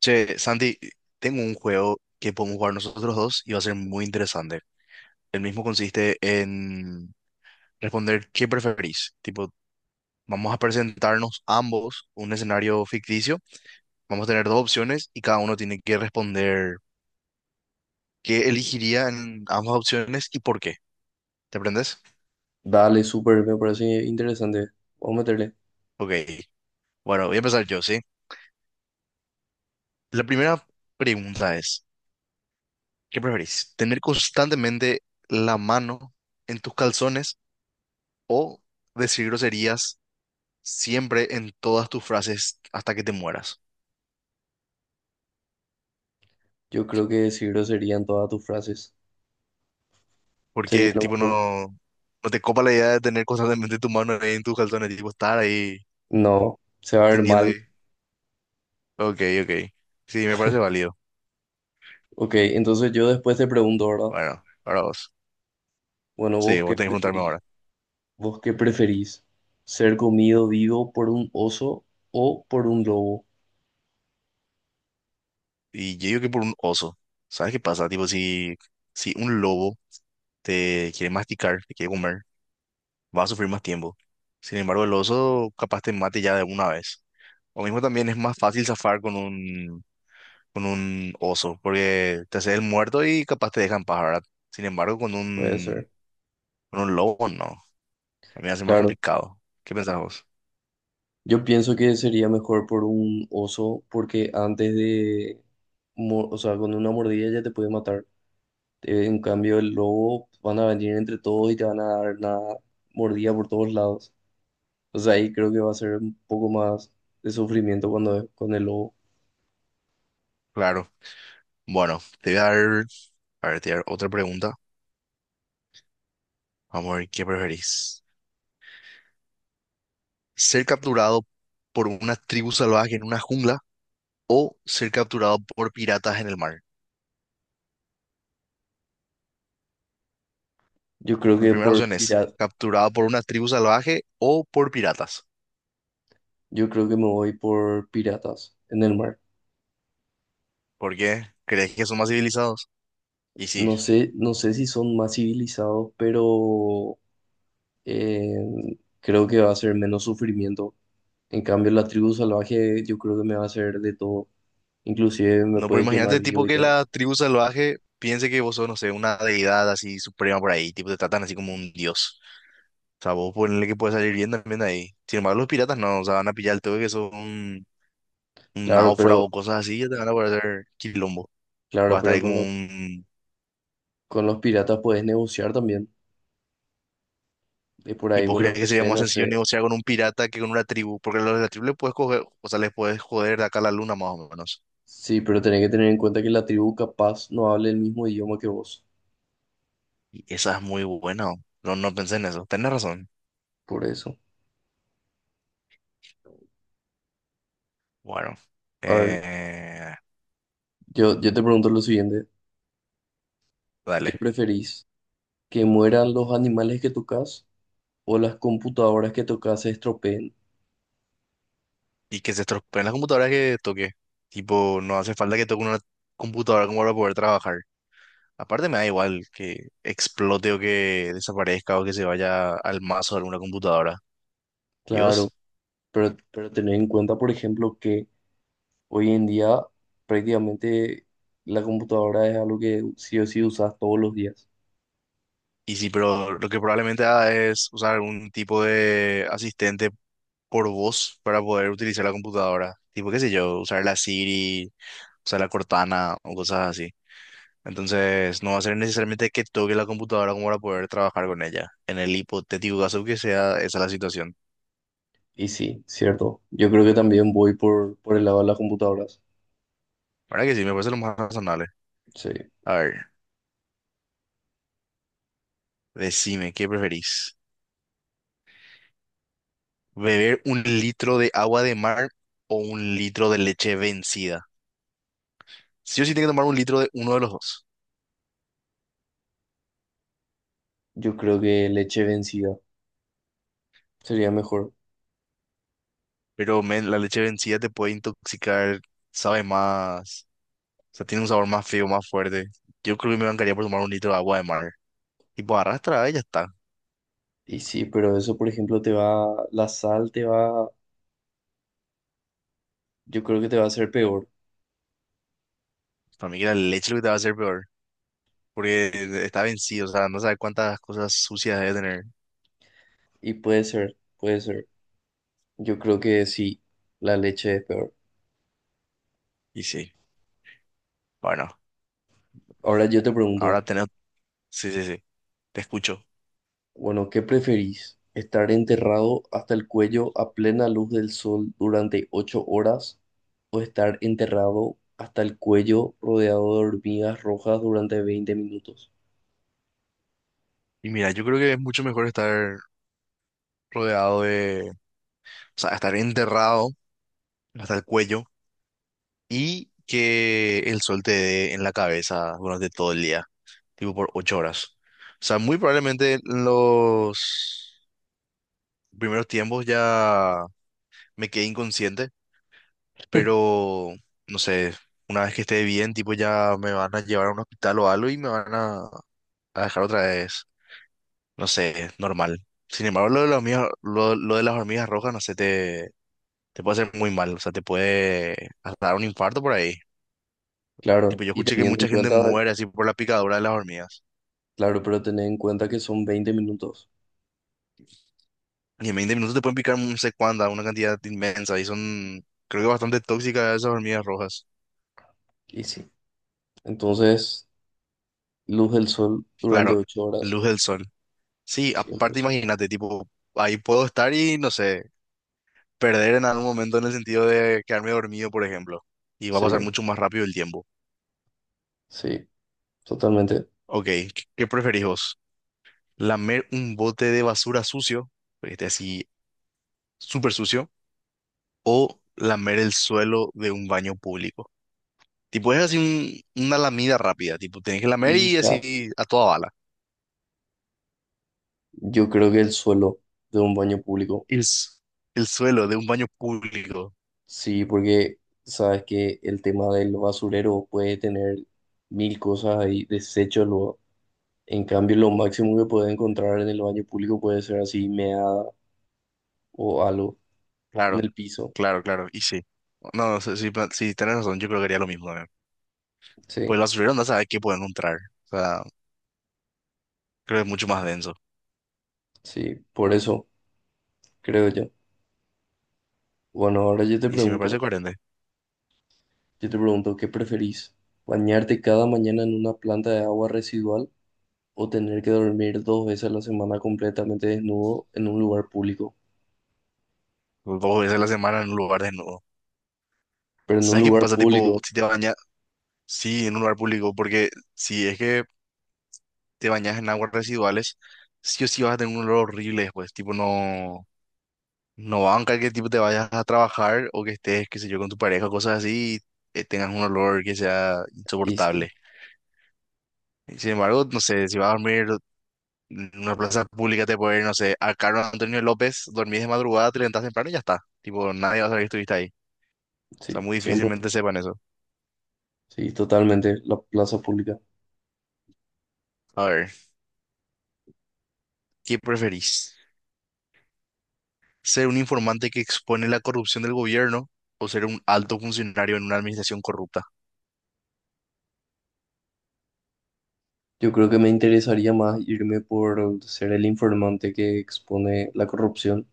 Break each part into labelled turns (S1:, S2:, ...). S1: Che, Santi, tengo un juego que podemos jugar nosotros dos y va a ser muy interesante. El mismo consiste en responder qué preferís. Tipo, vamos a presentarnos ambos un escenario ficticio. Vamos a tener dos opciones y cada uno tiene que responder qué elegiría en ambas opciones y por qué. ¿Te aprendes?
S2: Dale, súper, me parece interesante. Vamos a meterle.
S1: Ok. Bueno, voy a empezar yo, ¿sí? La primera pregunta es, ¿qué preferís? ¿Tener constantemente la mano en tus calzones o decir groserías siempre en todas tus frases hasta que te mueras?
S2: Yo creo que decir grosería en todas tus frases sería
S1: Porque,
S2: lo
S1: tipo,
S2: mejor.
S1: no, no te copa la idea de tener constantemente tu mano ahí en tus calzones, tipo, estar ahí
S2: No, se va a ver
S1: teniendo
S2: mal.
S1: ahí. Ok, ok. Sí, me parece válido.
S2: Ok, entonces yo después te pregunto, ¿verdad?
S1: Bueno, ahora vos.
S2: Bueno,
S1: Sí,
S2: ¿vos
S1: vos
S2: qué
S1: tenés que preguntarme
S2: preferís?
S1: ahora.
S2: ¿Vos qué preferís? ¿Ser comido vivo por un oso o por un lobo?
S1: Y yo digo que por un oso. ¿Sabes qué pasa? Tipo, si un lobo te quiere masticar, te quiere comer, va a sufrir más tiempo. Sin embargo, el oso capaz te mate ya de una vez. O mismo también es más fácil zafar con un oso, porque te haces el muerto y capaz te dejan paz, ¿verdad? Sin embargo,
S2: Puede ser,
S1: con un lobo, no. A mí me hace más
S2: claro.
S1: complicado. ¿Qué pensás vos?
S2: Yo pienso que sería mejor por un oso porque o sea, con una mordida ya te puede matar. En cambio, el lobo van a venir entre todos y te van a dar una mordida por todos lados. O sea, ahí creo que va a ser un poco más de sufrimiento cuando con el lobo.
S1: Claro. Bueno, te voy a dar, a ver, te voy a dar otra pregunta. Vamos a ver qué preferís. ¿Ser capturado por una tribu salvaje en una jungla o ser capturado por piratas en el mar?
S2: Yo creo
S1: La
S2: que
S1: primera
S2: por
S1: opción es
S2: pirata,
S1: capturado por una tribu salvaje o por piratas.
S2: yo creo que me voy por piratas en el mar.
S1: ¿Por qué? ¿Crees que son más civilizados? Y sí.
S2: No sé, no sé si son más civilizados, pero eh, creo que va a ser menos sufrimiento. En cambio, la tribu salvaje yo creo que me va a hacer de todo. Inclusive me
S1: No, pero
S2: puede quemar
S1: imagínate,
S2: vivo
S1: tipo,
S2: y
S1: que
S2: todo.
S1: la tribu salvaje piense que vos sos, no sé, una deidad así suprema por ahí, tipo, te tratan así como un dios. O sea, vos ponele que puedes salir bien también de ahí. Sin embargo, los piratas no, o sea, van a pillar todo que son un
S2: Claro,
S1: náufrago
S2: pero,
S1: o cosas así, ya te van a poder hacer quilombo. Va a
S2: claro,
S1: estar
S2: pero
S1: ahí como un...
S2: con los piratas puedes negociar también. Y por
S1: ¿Y
S2: ahí
S1: vos
S2: vos le
S1: crees que sería
S2: ofrecés,
S1: más
S2: no
S1: sencillo
S2: sé.
S1: negociar con un pirata que con una tribu? Porque los de la tribu les puedes coger, o sea, les puedes joder de acá a la luna más o menos.
S2: Sí, pero tenés que tener en cuenta que la tribu capaz no hable el mismo idioma que vos.
S1: Y esa es muy buena. No, no pensé en eso. Tenés razón.
S2: Por eso.
S1: Bueno.
S2: A ver,
S1: Eh,
S2: yo te pregunto lo siguiente. ¿Qué
S1: dale.
S2: preferís? ¿Que mueran los animales que tocas o las computadoras que tocas se estropeen?
S1: Y que se estropeen las computadoras que toque. Tipo, no hace falta que toque una computadora como para poder trabajar. Aparte me da igual que explote o que desaparezca o que se vaya al mazo de alguna computadora. ¿Y
S2: Claro,
S1: vos?
S2: pero tener en cuenta, por ejemplo, que hoy en día prácticamente la computadora es algo que sí o sí usas todos los días.
S1: Y sí, pero lo que probablemente haga es usar algún tipo de asistente por voz para poder utilizar la computadora. Tipo, qué sé yo, usar la Siri, usar la Cortana o cosas así. Entonces, no va a ser necesariamente que toque la computadora como para poder trabajar con ella, en el hipotético caso que sea esa la situación.
S2: Y sí, cierto. Yo creo que también voy por el lado de las computadoras.
S1: Ahora que sí, me parece lo más razonable.
S2: Sí,
S1: A ver, decime, ¿qué preferís? ¿Beber un litro de agua de mar o un litro de leche vencida? Sí o sí, tengo que tomar un litro de uno de los dos.
S2: yo creo que leche vencida sería mejor.
S1: Pero, men, la leche vencida te puede intoxicar, sabe más, o sea, tiene un sabor más feo, más fuerte. Yo creo que me bancaría por tomar un litro de agua de mar. Y pues arrastra, y ya está.
S2: Y sí, pero eso, por ejemplo, la sal te va, yo creo que te va a hacer peor.
S1: Para mí que la leche es lo que te va a hacer peor, porque
S2: Y,
S1: está vencido, o sea, no sabe cuántas cosas sucias debe tener.
S2: y puede ser, puede ser. Yo creo que sí, la leche es peor.
S1: Y sí, bueno,
S2: Ahora yo te pregunto,
S1: ahora tenemos, sí, sí, sí, te escucho.
S2: bueno, ¿qué preferís? ¿Estar enterrado hasta el cuello a plena luz del sol durante 8 horas o estar enterrado hasta el cuello rodeado de hormigas rojas durante 20 minutos?
S1: Y mira, yo creo que es mucho mejor estar rodeado de, o sea, estar enterrado hasta el cuello y que el sol te dé en la cabeza durante todo el día, tipo por 8 horas. O sea, muy probablemente en los primeros tiempos ya me quedé inconsciente, pero no sé, una vez que esté bien, tipo ya me van a llevar a un hospital o algo y a dejar otra vez, no sé, normal. Sin embargo, lo de las hormigas, lo de las hormigas rojas, no sé, te puede hacer muy mal, o sea, te puede hasta dar un infarto por ahí.
S2: Claro,
S1: Tipo, yo
S2: y
S1: escuché que
S2: teniendo en
S1: mucha gente
S2: cuenta.
S1: muere así por la picadura de las hormigas.
S2: Claro, pero tened en cuenta que son 20 minutos.
S1: Y en 20 minutos te pueden picar no sé cuánta, una cantidad inmensa, y son, creo que bastante tóxicas esas hormigas rojas.
S2: Y sí. Entonces, luz del sol durante
S1: Claro,
S2: 8 horas,
S1: luz del sol. Sí, aparte
S2: 100%.
S1: imagínate, tipo, ahí puedo estar y no sé, perder en algún momento en el sentido de quedarme dormido, por ejemplo, y va a pasar
S2: Sí,
S1: mucho más rápido el tiempo.
S2: sí, totalmente.
S1: Ok, qué preferís vos? ¿Lamer un bote de basura sucio, porque esté así súper sucio, o lamer el suelo de un baño público? Tipo, es así una lamida rápida, tipo, tenés que lamer y
S2: Hija,
S1: así a toda bala.
S2: yo creo que el suelo de un baño público.
S1: El, s- el suelo de un baño público,
S2: Sí, porque sabes que el tema del basurero puede tener mil cosas ahí, desechos luego. En cambio, lo máximo que puede encontrar en el baño público puede ser así, meada o algo en
S1: claro,
S2: el piso.
S1: claro, claro, y sí. No, sí, sí, sí, tenés razón, yo creo que haría lo mismo también. Pues
S2: Sí,
S1: el basurero no sabe qué puede encontrar, o sea, creo que es mucho más denso.
S2: sí, por eso creo yo. Bueno, ahora yo te
S1: Y sí, me parece
S2: pregunto.
S1: coherente.
S2: Yo te pregunto, ¿qué preferís? ¿Bañarte cada mañana en una planta de agua residual o tener que dormir 2 veces a la semana completamente desnudo en un lugar público?
S1: Dos veces a la semana en un lugar desnudo.
S2: Pero en un
S1: ¿Sabes qué
S2: lugar
S1: pasa? Tipo,
S2: público,
S1: si te bañas, sí, en un lugar público, porque si es que te bañas en aguas residuales, sí o sí vas a tener un olor horrible después. Tipo, no, no banca que tipo te vayas a trabajar o que estés, qué sé yo, con tu pareja, cosas así, y tengas un olor que sea
S2: y
S1: insoportable.
S2: sí,
S1: Y sin embargo, no sé, si vas a dormir en una plaza pública, te puede ir, no sé, a Carlos Antonio López, dormís de madrugada, te levantás temprano y ya está. Tipo, nadie va a saber que estuviste ahí. O sea,
S2: sí,
S1: muy difícilmente
S2: 100%,
S1: sepan eso.
S2: sí, totalmente, la plaza pública.
S1: A ver, ¿qué preferís? ¿Ser un informante que expone la corrupción del gobierno o ser un alto funcionario en una administración corrupta?
S2: Yo creo que me interesaría más irme por ser el informante que expone la corrupción.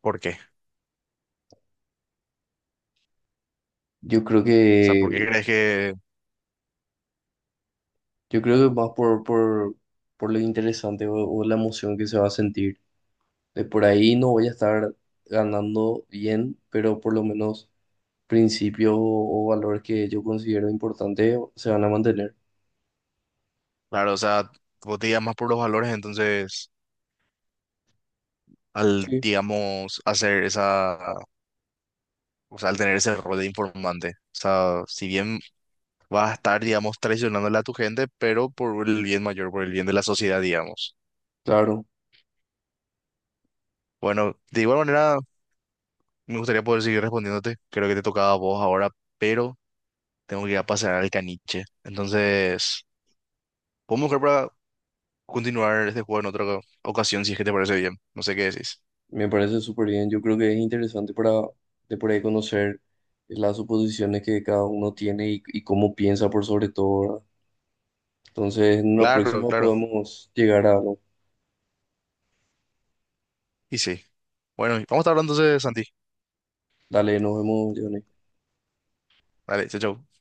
S1: ¿Por qué? O
S2: Yo creo
S1: sea, ¿por qué
S2: que,
S1: crees que,
S2: yo creo que más por lo interesante o la emoción que se va a sentir de por ahí no voy a estar ganando bien, pero por lo menos principios o valores que yo considero importantes se van a mantener.
S1: claro, o sea, vos te guías más por los valores, entonces, al,
S2: Sí.
S1: digamos, hacer esa, o sea, al tener ese rol de informante, o sea, si bien vas a estar, digamos, traicionándole a tu gente, pero por el bien mayor, por el bien de la sociedad, digamos.
S2: Claro,
S1: Bueno, de igual manera, me gustaría poder seguir respondiéndote, creo que te tocaba a vos ahora, pero... Tengo que ir a pasear al caniche. Entonces, podemos buscar para continuar este juego en otra ocasión, si es que te parece bien. No sé qué decís.
S2: me parece súper bien. Yo creo que es interesante para de por ahí conocer las suposiciones que cada uno tiene y cómo piensa por sobre todo, ¿verdad? Entonces, en una
S1: Claro,
S2: próxima
S1: claro.
S2: podemos llegar a algo.
S1: Y sí. Bueno, y vamos a estar hablando entonces, Santi.
S2: Dale, nos vemos, Johnny.
S1: Vale, chao, chao.